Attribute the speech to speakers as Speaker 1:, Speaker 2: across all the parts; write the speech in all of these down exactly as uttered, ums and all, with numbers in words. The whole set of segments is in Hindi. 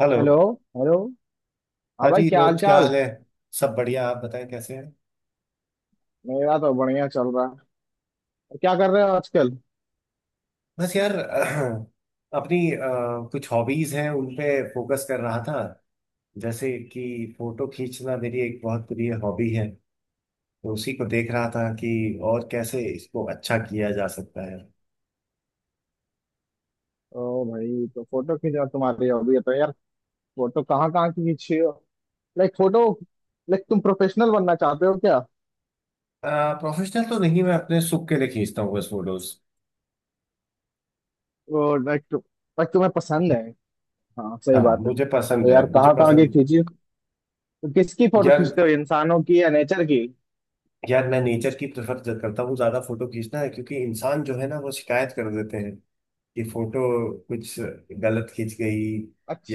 Speaker 1: हेलो।
Speaker 2: हेलो। हेलो। हाँ
Speaker 1: हाँ
Speaker 2: भाई,
Speaker 1: जी,
Speaker 2: क्या हाल
Speaker 1: दोस्त क्या
Speaker 2: चाल।
Speaker 1: हाल है? सब बढ़िया। आप बताएं कैसे हैं?
Speaker 2: मेरा तो बढ़िया चल रहा है। और क्या कर रहे हो आजकल?
Speaker 1: बस यार अपनी अ, कुछ हॉबीज हैं उन पे फोकस कर रहा था। जैसे कि फोटो खींचना मेरी एक बहुत प्रिय हॉबी है, तो उसी को देख रहा था कि और कैसे इसको अच्छा किया जा सकता है।
Speaker 2: ओ भाई, तो फोटो खींचना तुम्हारी हॉबी है तो यार फोटो कहाँ कहाँ की खींची हो? लाइक फोटो, लाइक तुम प्रोफेशनल बनना चाहते हो क्या?
Speaker 1: प्रोफेशनल तो नहीं, मैं अपने सुख के लिए खींचता हूँ बस फोटोज।
Speaker 2: ओ लाइक तु, like तुम्हें पसंद है। हाँ सही
Speaker 1: हाँ
Speaker 2: बात है,
Speaker 1: मुझे
Speaker 2: तो
Speaker 1: पसंद है,
Speaker 2: यार
Speaker 1: मुझे
Speaker 2: कहाँ कहाँ की
Speaker 1: पसंद।
Speaker 2: खींची? तो किसकी फोटो
Speaker 1: यार,
Speaker 2: खींचते हो, इंसानों की या नेचर की?
Speaker 1: यार मैं नेचर की प्रेफर करता हूँ ज्यादा फोटो खींचना है, क्योंकि इंसान जो है ना वो शिकायत कर देते हैं कि फोटो कुछ गलत खींच गई।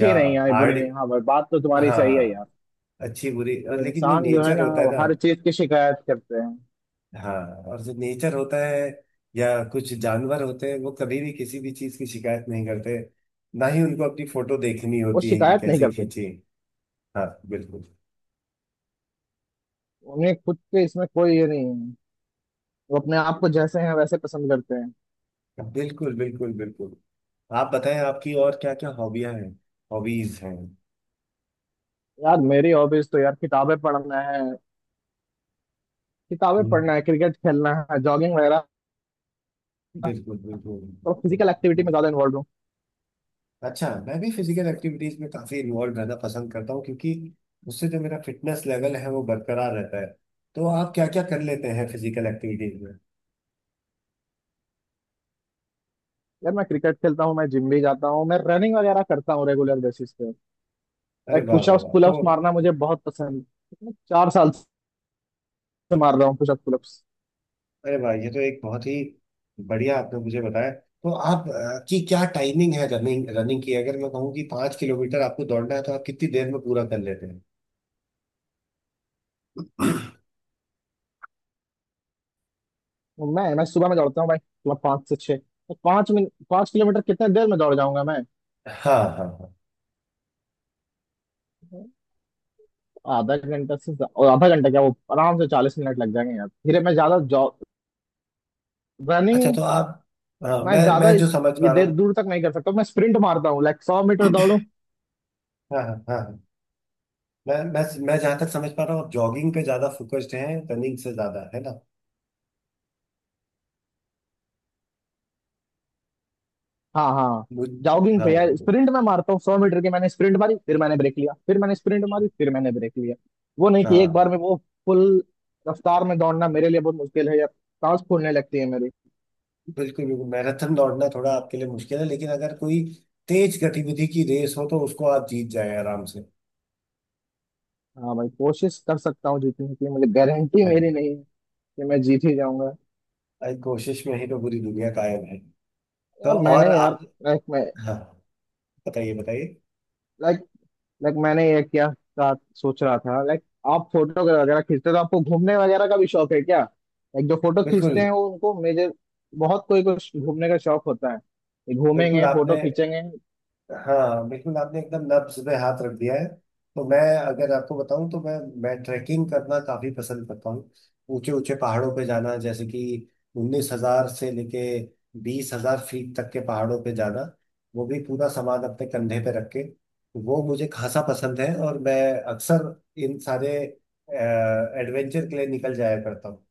Speaker 1: या
Speaker 2: नहीं आई, बुरी
Speaker 1: आड़
Speaker 2: नहीं, हाँ भाई बात तो तुम्हारी सही है
Speaker 1: हाँ,
Speaker 2: यार।
Speaker 1: अच्छी बुरी। और
Speaker 2: ये
Speaker 1: लेकिन जो
Speaker 2: इंसान जो है
Speaker 1: नेचर
Speaker 2: ना
Speaker 1: होता है
Speaker 2: वो
Speaker 1: ना,
Speaker 2: हर चीज की शिकायत करते हैं।
Speaker 1: हाँ, और जो नेचर होता है या कुछ जानवर होते हैं, वो कभी भी किसी भी चीज की शिकायत नहीं करते। ना ही उनको अपनी फोटो देखनी
Speaker 2: वो
Speaker 1: होती है कि
Speaker 2: शिकायत नहीं
Speaker 1: कैसे
Speaker 2: करते।
Speaker 1: खींचे। हाँ बिल्कुल
Speaker 2: उन्हें खुद के इसमें कोई ये नहीं है। वो अपने आप को जैसे हैं वैसे पसंद करते हैं।
Speaker 1: बिल्कुल बिल्कुल। बिल्कुल, आप बताएं आपकी और क्या क्या हॉबियां हैं, हॉबीज हैं?
Speaker 2: यार मेरी हॉबीज तो यार किताबें पढ़ना है। किताबें
Speaker 1: हम्म,
Speaker 2: पढ़ना है, क्रिकेट खेलना है, जॉगिंग वगैरह।
Speaker 1: बिल्कुल
Speaker 2: तो फिजिकल एक्टिविटी
Speaker 1: बिल्कुल।
Speaker 2: में ज्यादा इन्वॉल्व हूँ।
Speaker 1: अच्छा, मैं भी फिजिकल एक्टिविटीज में काफी इन्वॉल्व रहना पसंद करता हूँ, क्योंकि उससे जो मेरा फिटनेस लेवल है वो बरकरार रहता है। तो आप क्या क्या कर लेते हैं फिजिकल एक्टिविटीज में?
Speaker 2: यार मैं क्रिकेट खेलता हूँ, मैं जिम भी जाता हूँ, मैं रनिंग वगैरह करता हूँ रेगुलर बेसिस पे।
Speaker 1: अरे
Speaker 2: लाइक
Speaker 1: वाह वाह
Speaker 2: पुशअप्स
Speaker 1: वाह, तो
Speaker 2: पुलअप्स मारना मुझे बहुत पसंद है। मैं चार साल से मार रहा हूँ पुशअप पुलअप्स।
Speaker 1: अरे वाह, ये तो एक बहुत ही बढ़िया आपने मुझे बताया। तो आप अ, की क्या टाइमिंग है रनिंग, रनिंग की? अगर मैं कहूँ कि पाँच किलोमीटर आपको दौड़ना है तो आप कितनी देर में पूरा कर लेते हैं?
Speaker 2: मैं मैं सुबह में दौड़ता हूँ भाई, मतलब पाँच से छः। तो पाँच मिनट, पाँच किलोमीटर कितने देर में दौड़ जाऊंगा मैं?
Speaker 1: हाँ हाँ हाँ।
Speaker 2: आधा घंटा से ज्या- और आधा घंटा क्या, वो आराम से चालीस मिनट लग जाएंगे यार, फिर मैं ज्यादा जॉग
Speaker 1: अच्छा,
Speaker 2: रनिंग
Speaker 1: तो आप, हाँ
Speaker 2: मैं
Speaker 1: मैं
Speaker 2: ज्यादा
Speaker 1: मैं जो
Speaker 2: इस
Speaker 1: समझ
Speaker 2: ये
Speaker 1: पा रहा
Speaker 2: देर
Speaker 1: हूँ,
Speaker 2: दूर तक नहीं कर सकता। मैं स्प्रिंट मारता हूँ लाइक सौ मीटर दौड़ू।
Speaker 1: हाँ हाँ हाँ हाँ। मैं मैं मैं जहां तक समझ पा रहा हूँ आप जॉगिंग पे ज्यादा फोकस्ड हैं, रनिंग से ज्यादा, है ना?
Speaker 2: हाँ हाँ।
Speaker 1: मुझ
Speaker 2: जॉगिंग
Speaker 1: हाँ
Speaker 2: पे यार स्प्रिंट मैं मारता हूँ, सौ मीटर की मैंने स्प्रिंट मारी, फिर मैंने ब्रेक लिया, फिर मैंने स्प्रिंट मारी, फिर मैंने ब्रेक लिया। वो नहीं कि एक
Speaker 1: हाँ।
Speaker 2: बार में वो फुल रफ्तार में दौड़ना मेरे लिए बहुत मुश्किल है यार, सांस फूलने लगती है मेरी।
Speaker 1: बिल्कुल बिल्कुल, मैराथन दौड़ना थोड़ा आपके लिए मुश्किल है, लेकिन अगर कोई तेज गतिविधि की रेस हो तो उसको आप जीत जाए आराम से।
Speaker 2: हाँ भाई, कोशिश कर सकता हूँ जीतने की, मुझे गारंटी
Speaker 1: हाँ,
Speaker 2: मेरी नहीं है कि मैं जीत ही जाऊंगा।
Speaker 1: आई कोशिश में ही तो पूरी दुनिया कायम है। तो,
Speaker 2: यार
Speaker 1: और
Speaker 2: मैंने
Speaker 1: आप,
Speaker 2: यार, लाइक मैं,
Speaker 1: हाँ बताइए बताइए।
Speaker 2: लाइक, लाइक मैंने ये क्या था, सोच रहा था, लाइक आप फोटो वगैरह खींचते हो तो आपको घूमने वगैरह का भी शौक है क्या? लाइक जो फोटो
Speaker 1: बिल्कुल
Speaker 2: खींचते हैं वो उनको मेजर, बहुत कोई को घूमने का शौक होता है, ये
Speaker 1: बिल्कुल
Speaker 2: घूमेंगे फोटो
Speaker 1: आपने
Speaker 2: खींचेंगे।
Speaker 1: हाँ बिल्कुल, आपने एकदम नब्ज पे हाथ रख दिया है। तो मैं अगर आपको बताऊं, तो मैं मैं ट्रैकिंग करना काफी पसंद करता हूँ। ऊंचे ऊंचे पहाड़ों पे जाना, जैसे कि उन्नीस हजार से लेके बीस हजार फीट तक के पहाड़ों पे जाना, वो भी पूरा सामान अपने कंधे पे रख के। वो मुझे खासा पसंद है और मैं अक्सर इन सारे एडवेंचर के लिए निकल जाया करता हूँ।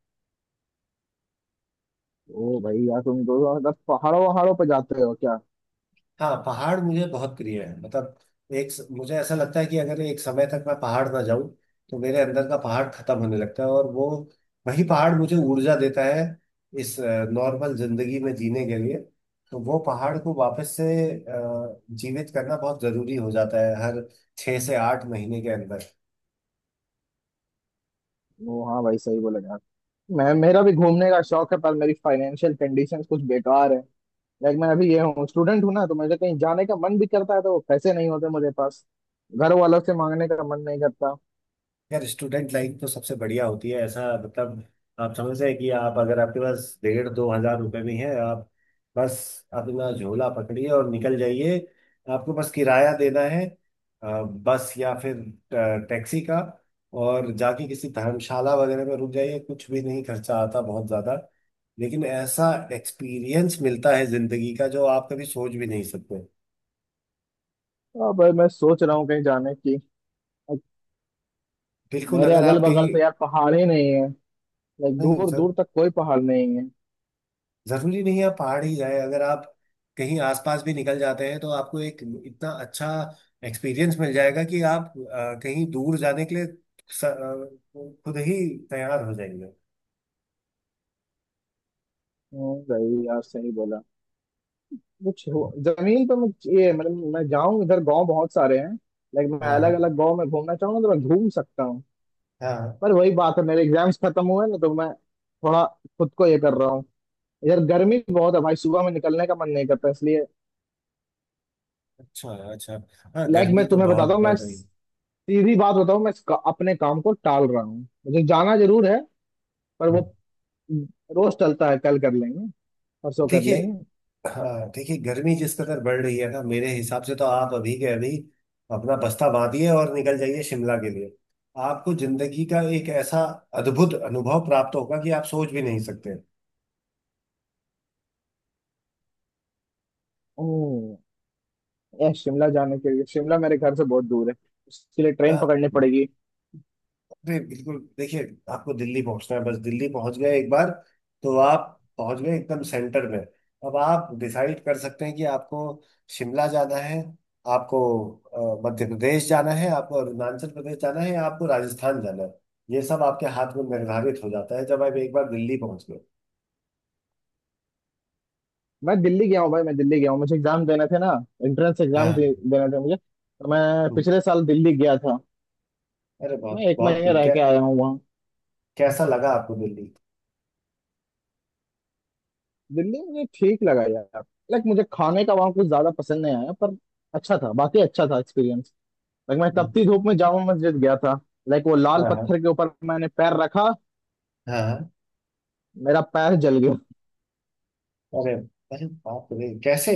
Speaker 2: ओ भाई यार तुम दो मतलब पहाड़ों वहाड़ों पे जाते हो क्या?
Speaker 1: हाँ, पहाड़ मुझे बहुत प्रिय है। मतलब एक स- मुझे ऐसा लगता है कि अगर एक समय तक मैं पहाड़ ना जाऊं तो मेरे अंदर का पहाड़ खत्म होने लगता है, और वो वही पहाड़ मुझे ऊर्जा देता है इस नॉर्मल जिंदगी में जीने के लिए। तो वो पहाड़ को वापस से अ, जीवित करना बहुत जरूरी हो जाता है हर छः से आठ महीने के अंदर।
Speaker 2: ओ हाँ भाई, सही बोले यार। मैं, मेरा भी घूमने का शौक है पर मेरी फाइनेंशियल कंडीशंस कुछ बेकार है। लाइक मैं अभी ये हूँ, स्टूडेंट हूँ ना, तो मुझे कहीं जाने का मन भी करता है तो पैसे नहीं होते मुझे पास। घर वालों से मांगने का मन नहीं करता।
Speaker 1: यार, स्टूडेंट लाइफ तो सबसे बढ़िया होती है। ऐसा मतलब, आप समझ रहे हैं कि आप, अगर आपके पास डेढ़ दो हजार रुपए भी हैं, आप बस अपना झोला पकड़िए और निकल जाइए। आपको बस किराया देना है, अ, बस या फिर अ, टैक्सी का, और जाके किसी धर्मशाला वगैरह में रुक जाइए। कुछ भी नहीं, खर्चा आता बहुत ज़्यादा, लेकिन ऐसा एक्सपीरियंस मिलता है ज़िंदगी का जो आप कभी सोच भी नहीं सकते।
Speaker 2: अब भाई मैं सोच रहा हूँ कहीं जाने की। Like,
Speaker 1: बिल्कुल
Speaker 2: मेरे
Speaker 1: अगर
Speaker 2: अगल
Speaker 1: आप
Speaker 2: बगल
Speaker 1: कहीं
Speaker 2: तो यार पहाड़ ही नहीं है। लाइक
Speaker 1: नहीं
Speaker 2: दूर
Speaker 1: सर,
Speaker 2: दूर तक कोई पहाड़ नहीं है।
Speaker 1: जरूरी नहीं है आप पहाड़ ही जाए। अगर आप कहीं आसपास भी निकल जाते हैं तो आपको एक इतना अच्छा एक्सपीरियंस मिल जाएगा कि आप अ, कहीं दूर जाने के लिए स- अ, खुद ही तैयार हो जाएंगे।
Speaker 2: हम्म, भाई यार सही बोला। कुछ हो- जमीन पे मैं, ये मतलब मैं जाऊं इधर गांव बहुत सारे हैं। लाइक मैं
Speaker 1: हाँ
Speaker 2: अलग
Speaker 1: हाँ
Speaker 2: अलग गांव में घूमना चाहूंगा तो मैं घूम सकता हूँ।
Speaker 1: हाँ।
Speaker 2: पर वही बात है, मेरे एग्जाम्स खत्म हुए ना तो मैं थोड़ा खुद को ये कर रहा हूँ। इधर गर्मी भी बहुत है भाई, सुबह में निकलने का मन नहीं करता इसलिए।
Speaker 1: अच्छा अच्छा, हाँ
Speaker 2: लाइक
Speaker 1: गर्मी
Speaker 2: मैं
Speaker 1: तो
Speaker 2: तुम्हें बताता
Speaker 1: बहुत
Speaker 2: हूँ, मैं
Speaker 1: बढ़ रही है।
Speaker 2: सीधी बात बताऊँ, मैं इसका- अपने काम को टाल रहा हूँ। मुझे जाना जरूर है पर वो
Speaker 1: हम्म।
Speaker 2: रोज टलता है, कल कर लेंगे, परसों कर
Speaker 1: देखिए,
Speaker 2: लेंगे।
Speaker 1: हाँ देखिए, गर्मी जिस कदर बढ़ रही है ना, मेरे हिसाब से तो आप अभी के अभी अपना बस्ता बांधिए और निकल जाइए शिमला के लिए। आपको जिंदगी का एक ऐसा अद्भुत अनुभव प्राप्त होगा कि आप सोच भी नहीं सकते।
Speaker 2: ओ यार शिमला जाने के लिए, शिमला मेरे घर से बहुत दूर है, उसके लिए
Speaker 1: अ,
Speaker 2: ट्रेन पकड़नी पड़ेगी।
Speaker 1: अरे बिल्कुल, देखिए, आपको दिल्ली पहुंचना है। बस दिल्ली पहुंच गए एक बार, तो आप पहुंच गए एकदम सेंटर में। अब आप डिसाइड कर सकते हैं कि आपको शिमला जाना है, आपको अ, मध्य प्रदेश जाना है, आपको अरुणाचल प्रदेश जाना है, या आपको राजस्थान जाना है। ये सब आपके हाथ में निर्धारित हो जाता है जब आप एक बार दिल्ली पहुंच गए।
Speaker 2: मैं दिल्ली गया हूँ भाई, मैं दिल्ली गया हूँ, मुझे एग्जाम देने थे ना। एंट्रेंस एग्जाम
Speaker 1: हाँ।
Speaker 2: दे, देने थे मुझे, तो मैं
Speaker 1: हम्म,
Speaker 2: पिछले साल दिल्ली गया था।
Speaker 1: अरे
Speaker 2: मैं
Speaker 1: बहुत
Speaker 2: एक
Speaker 1: बहुत
Speaker 2: महीने
Speaker 1: खूब।
Speaker 2: रह
Speaker 1: कै,
Speaker 2: के आया हूँ वहाँ।
Speaker 1: कैसा लगा आपको दिल्ली?
Speaker 2: दिल्ली मुझे ठीक लगा यार। लाइक मुझे खाने का वहाँ कुछ ज्यादा पसंद नहीं आया, पर अच्छा था, बाकी अच्छा था एक्सपीरियंस। लाइक मैं
Speaker 1: हम्म, हम्म,
Speaker 2: तपती
Speaker 1: हम्म।
Speaker 2: धूप में जामा मस्जिद गया था। लाइक वो लाल
Speaker 1: हाँ हाँ
Speaker 2: पत्थर के ऊपर मैंने पैर रखा,
Speaker 1: हाँ हाँ।
Speaker 2: मेरा पैर जल गया।
Speaker 1: अरे, अरे बाप रे, कैसे?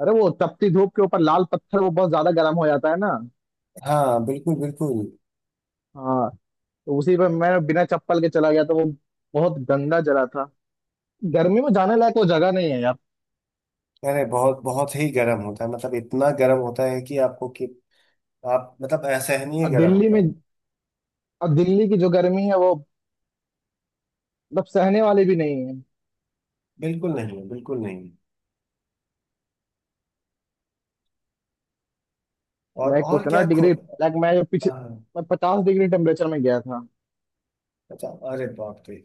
Speaker 2: अरे वो तपती धूप के ऊपर लाल पत्थर वो बहुत ज्यादा गर्म हो जाता है ना।
Speaker 1: हाँ बिल्कुल बिल्कुल।
Speaker 2: हाँ, तो उसी पे मैं बिना चप्पल के चला गया, तो वो बहुत गंदा जगह था, गर्मी में जाने लायक वो जगह नहीं है यार।
Speaker 1: अरे बहुत बहुत ही गर्म होता है, मतलब इतना गर्म होता है कि आपको कि आप, मतलब असहनीय
Speaker 2: और
Speaker 1: गर्म
Speaker 2: दिल्ली
Speaker 1: होता
Speaker 2: में,
Speaker 1: है।
Speaker 2: और दिल्ली की जो गर्मी है वो मतलब सहने वाली भी नहीं है।
Speaker 1: बिल्कुल नहीं है, बिल्कुल नहीं है। और
Speaker 2: लाइक
Speaker 1: और
Speaker 2: उतना
Speaker 1: क्या खो
Speaker 2: डिग्री, लाइक मैं जो पीछे,
Speaker 1: हाँ।
Speaker 2: मैं पचास डिग्री टेम्परेचर में गया था।
Speaker 1: अच्छा, अरे बाप रे,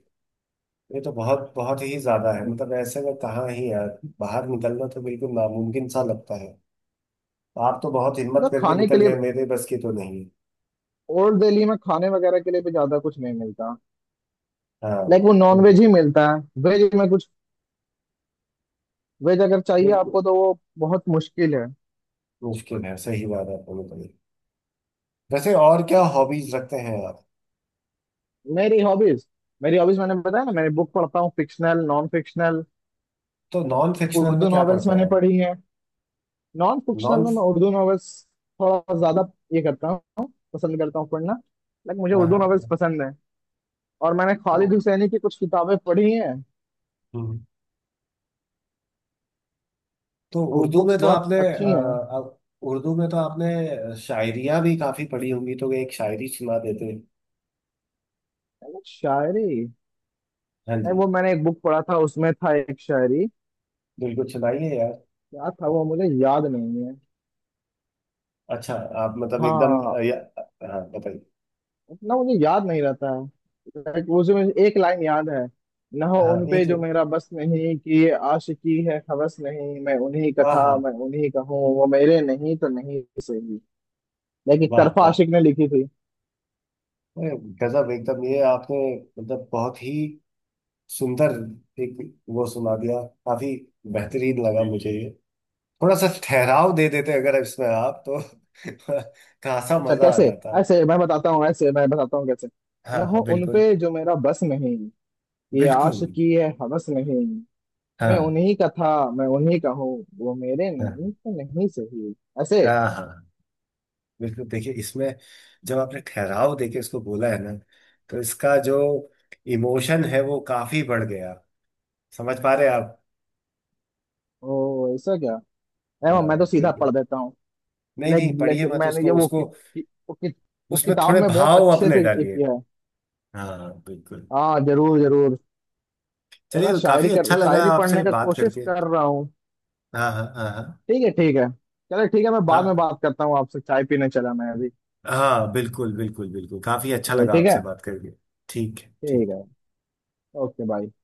Speaker 1: ये तो बहुत बहुत ही ज्यादा है।
Speaker 2: हम्म।
Speaker 1: मतलब ऐसे में कहाँ ही यार बाहर निकलना, तो बिल्कुल नामुमकिन सा लगता है। आप तो बहुत हिम्मत
Speaker 2: मतलब
Speaker 1: करके
Speaker 2: खाने के
Speaker 1: निकल
Speaker 2: लिए,
Speaker 1: गए, मेरे बस की तो नहीं है।
Speaker 2: ओल्ड दिल्ली में खाने वगैरह के लिए भी ज्यादा कुछ नहीं मिलता।
Speaker 1: हाँ
Speaker 2: लाइक वो नॉन वेज
Speaker 1: बिल्कुल
Speaker 2: ही मिलता है। वेज में कुछ, वेज अगर चाहिए
Speaker 1: बिल्कुल।
Speaker 2: आपको तो वो बहुत मुश्किल है।
Speaker 1: मुश्किल है, सही बात है, बोलो तो। वैसे और क्या हॉबीज रखते हैं आप?
Speaker 2: मेरी हॉबीज, मेरी हॉबीज मैंने बताया ना, मैं बुक पढ़ता हूँ, फिक्शनल नॉन फिक्शनल।
Speaker 1: तो नॉन फिक्शनल में
Speaker 2: उर्दू
Speaker 1: क्या
Speaker 2: नॉवेल्स
Speaker 1: पढ़ते
Speaker 2: मैंने
Speaker 1: हैं?
Speaker 2: पढ़ी हैं। नॉन फिक्शनल
Speaker 1: नॉन
Speaker 2: में मैं उर्दू नॉवेल्स थोड़ा ज्यादा ये करता हूँ, पसंद करता हूँ पढ़ना। लाइक मुझे
Speaker 1: हाँ
Speaker 2: उर्दू नॉवेल्स
Speaker 1: हाँ।
Speaker 2: पसंद है। और मैंने खालिद
Speaker 1: तो
Speaker 2: हुसैनी की कुछ किताबें पढ़ी हैं।
Speaker 1: हम्म, तो
Speaker 2: वो
Speaker 1: उर्दू
Speaker 2: बुक्स
Speaker 1: में तो
Speaker 2: बहुत
Speaker 1: आपने अ,
Speaker 2: अच्छी हैं।
Speaker 1: हम्म। अ, उर्दू में तो आपने शायरियां भी काफी पढ़ी होंगी, तो एक शायरी सुना देते।
Speaker 2: मैंने शायरी
Speaker 1: हाँ
Speaker 2: नहीं,
Speaker 1: जी,
Speaker 2: वो मैंने एक बुक पढ़ा था, उसमें था एक शायरी।
Speaker 1: बिल्कुल सुनाइए यार।
Speaker 2: क्या था वो मुझे याद नहीं है।
Speaker 1: अच्छा, आप मतलब एकदम
Speaker 2: हाँ
Speaker 1: अ, या, हाँ बताइए।
Speaker 2: उतना मुझे याद नहीं रहता है। लाइक उसमें एक लाइन याद है। न हो
Speaker 1: हाँ,
Speaker 2: उन पे
Speaker 1: एक
Speaker 2: जो मेरा बस नहीं, कि आशिकी है हवस नहीं, मैं उन्हीं का था,
Speaker 1: आहा,
Speaker 2: मैं उन्हीं का हूँ, वो मेरे नहीं तो नहीं सही। लेकिन
Speaker 1: वाह
Speaker 2: तरफा
Speaker 1: वाह,
Speaker 2: आशिक ने लिखी थी।
Speaker 1: अरे गजब एकदम ये आपने, मतलब बहुत ही सुंदर एक वो सुना दिया। काफी बेहतरीन लगा जी मुझे जी ये। थोड़ा सा ठहराव दे देते अगर इसमें आप, तो खासा
Speaker 2: अच्छा
Speaker 1: मजा आ
Speaker 2: कैसे?
Speaker 1: जाता।
Speaker 2: ऐसे मैं बताता हूँ, ऐसे मैं बताता हूँ कैसे।
Speaker 1: हाँ
Speaker 2: न हो
Speaker 1: हाँ,
Speaker 2: उन
Speaker 1: बिल्कुल
Speaker 2: पे जो मेरा बस नहीं, कि
Speaker 1: बिल्कुल।
Speaker 2: आशिकी है हवस नहीं, मैं
Speaker 1: हाँ
Speaker 2: उन्हीं का था, मैं उन्हीं का हूँ, वो मेरे
Speaker 1: हाँ
Speaker 2: नहीं तो नहीं सही। ऐसे।
Speaker 1: हाँ हाँ। बिल्कुल, देखिए इसमें जब आपने ठहराव देके इसको बोला है ना, तो इसका जो इमोशन है वो काफी बढ़ गया। समझ पा रहे हैं आप?
Speaker 2: ओ ऐसा क्या, ए, मैं
Speaker 1: हाँ
Speaker 2: तो सीधा
Speaker 1: बिल्कुल,
Speaker 2: पढ़ देता हूँ।
Speaker 1: नहीं
Speaker 2: लाइक,
Speaker 1: नहीं,
Speaker 2: लाइक
Speaker 1: पढ़िए मत
Speaker 2: मैंने ये
Speaker 1: उसको,
Speaker 2: वो
Speaker 1: उसको
Speaker 2: कि, कि, वो, कि, वो
Speaker 1: उसमें
Speaker 2: किताब
Speaker 1: थोड़े
Speaker 2: में बहुत
Speaker 1: भाव
Speaker 2: अच्छे
Speaker 1: अपने
Speaker 2: से ये
Speaker 1: डालिए।
Speaker 2: किया है।
Speaker 1: हाँ बिल्कुल।
Speaker 2: हाँ जरूर जरूर। मैं
Speaker 1: चलिए, काफी
Speaker 2: शायरी
Speaker 1: अच्छा
Speaker 2: कर
Speaker 1: लगा
Speaker 2: शायरी
Speaker 1: आपसे
Speaker 2: पढ़ने का
Speaker 1: बात
Speaker 2: कोशिश
Speaker 1: करके।
Speaker 2: कर रहा हूँ।
Speaker 1: हाँ हाँ हाँ हाँ।
Speaker 2: ठीक है ठीक है। चलो ठीक है, मैं बाद में
Speaker 1: का-
Speaker 2: बात करता हूँ आपसे, चाय पीने चला मैं अभी।
Speaker 1: हाँ बिल्कुल बिल्कुल बिल्कुल, काफी अच्छा
Speaker 2: चलो
Speaker 1: लगा
Speaker 2: ठीक है।
Speaker 1: आपसे बात करके। ठीक है,
Speaker 2: ठीक
Speaker 1: ठीक।
Speaker 2: है। Okay bye.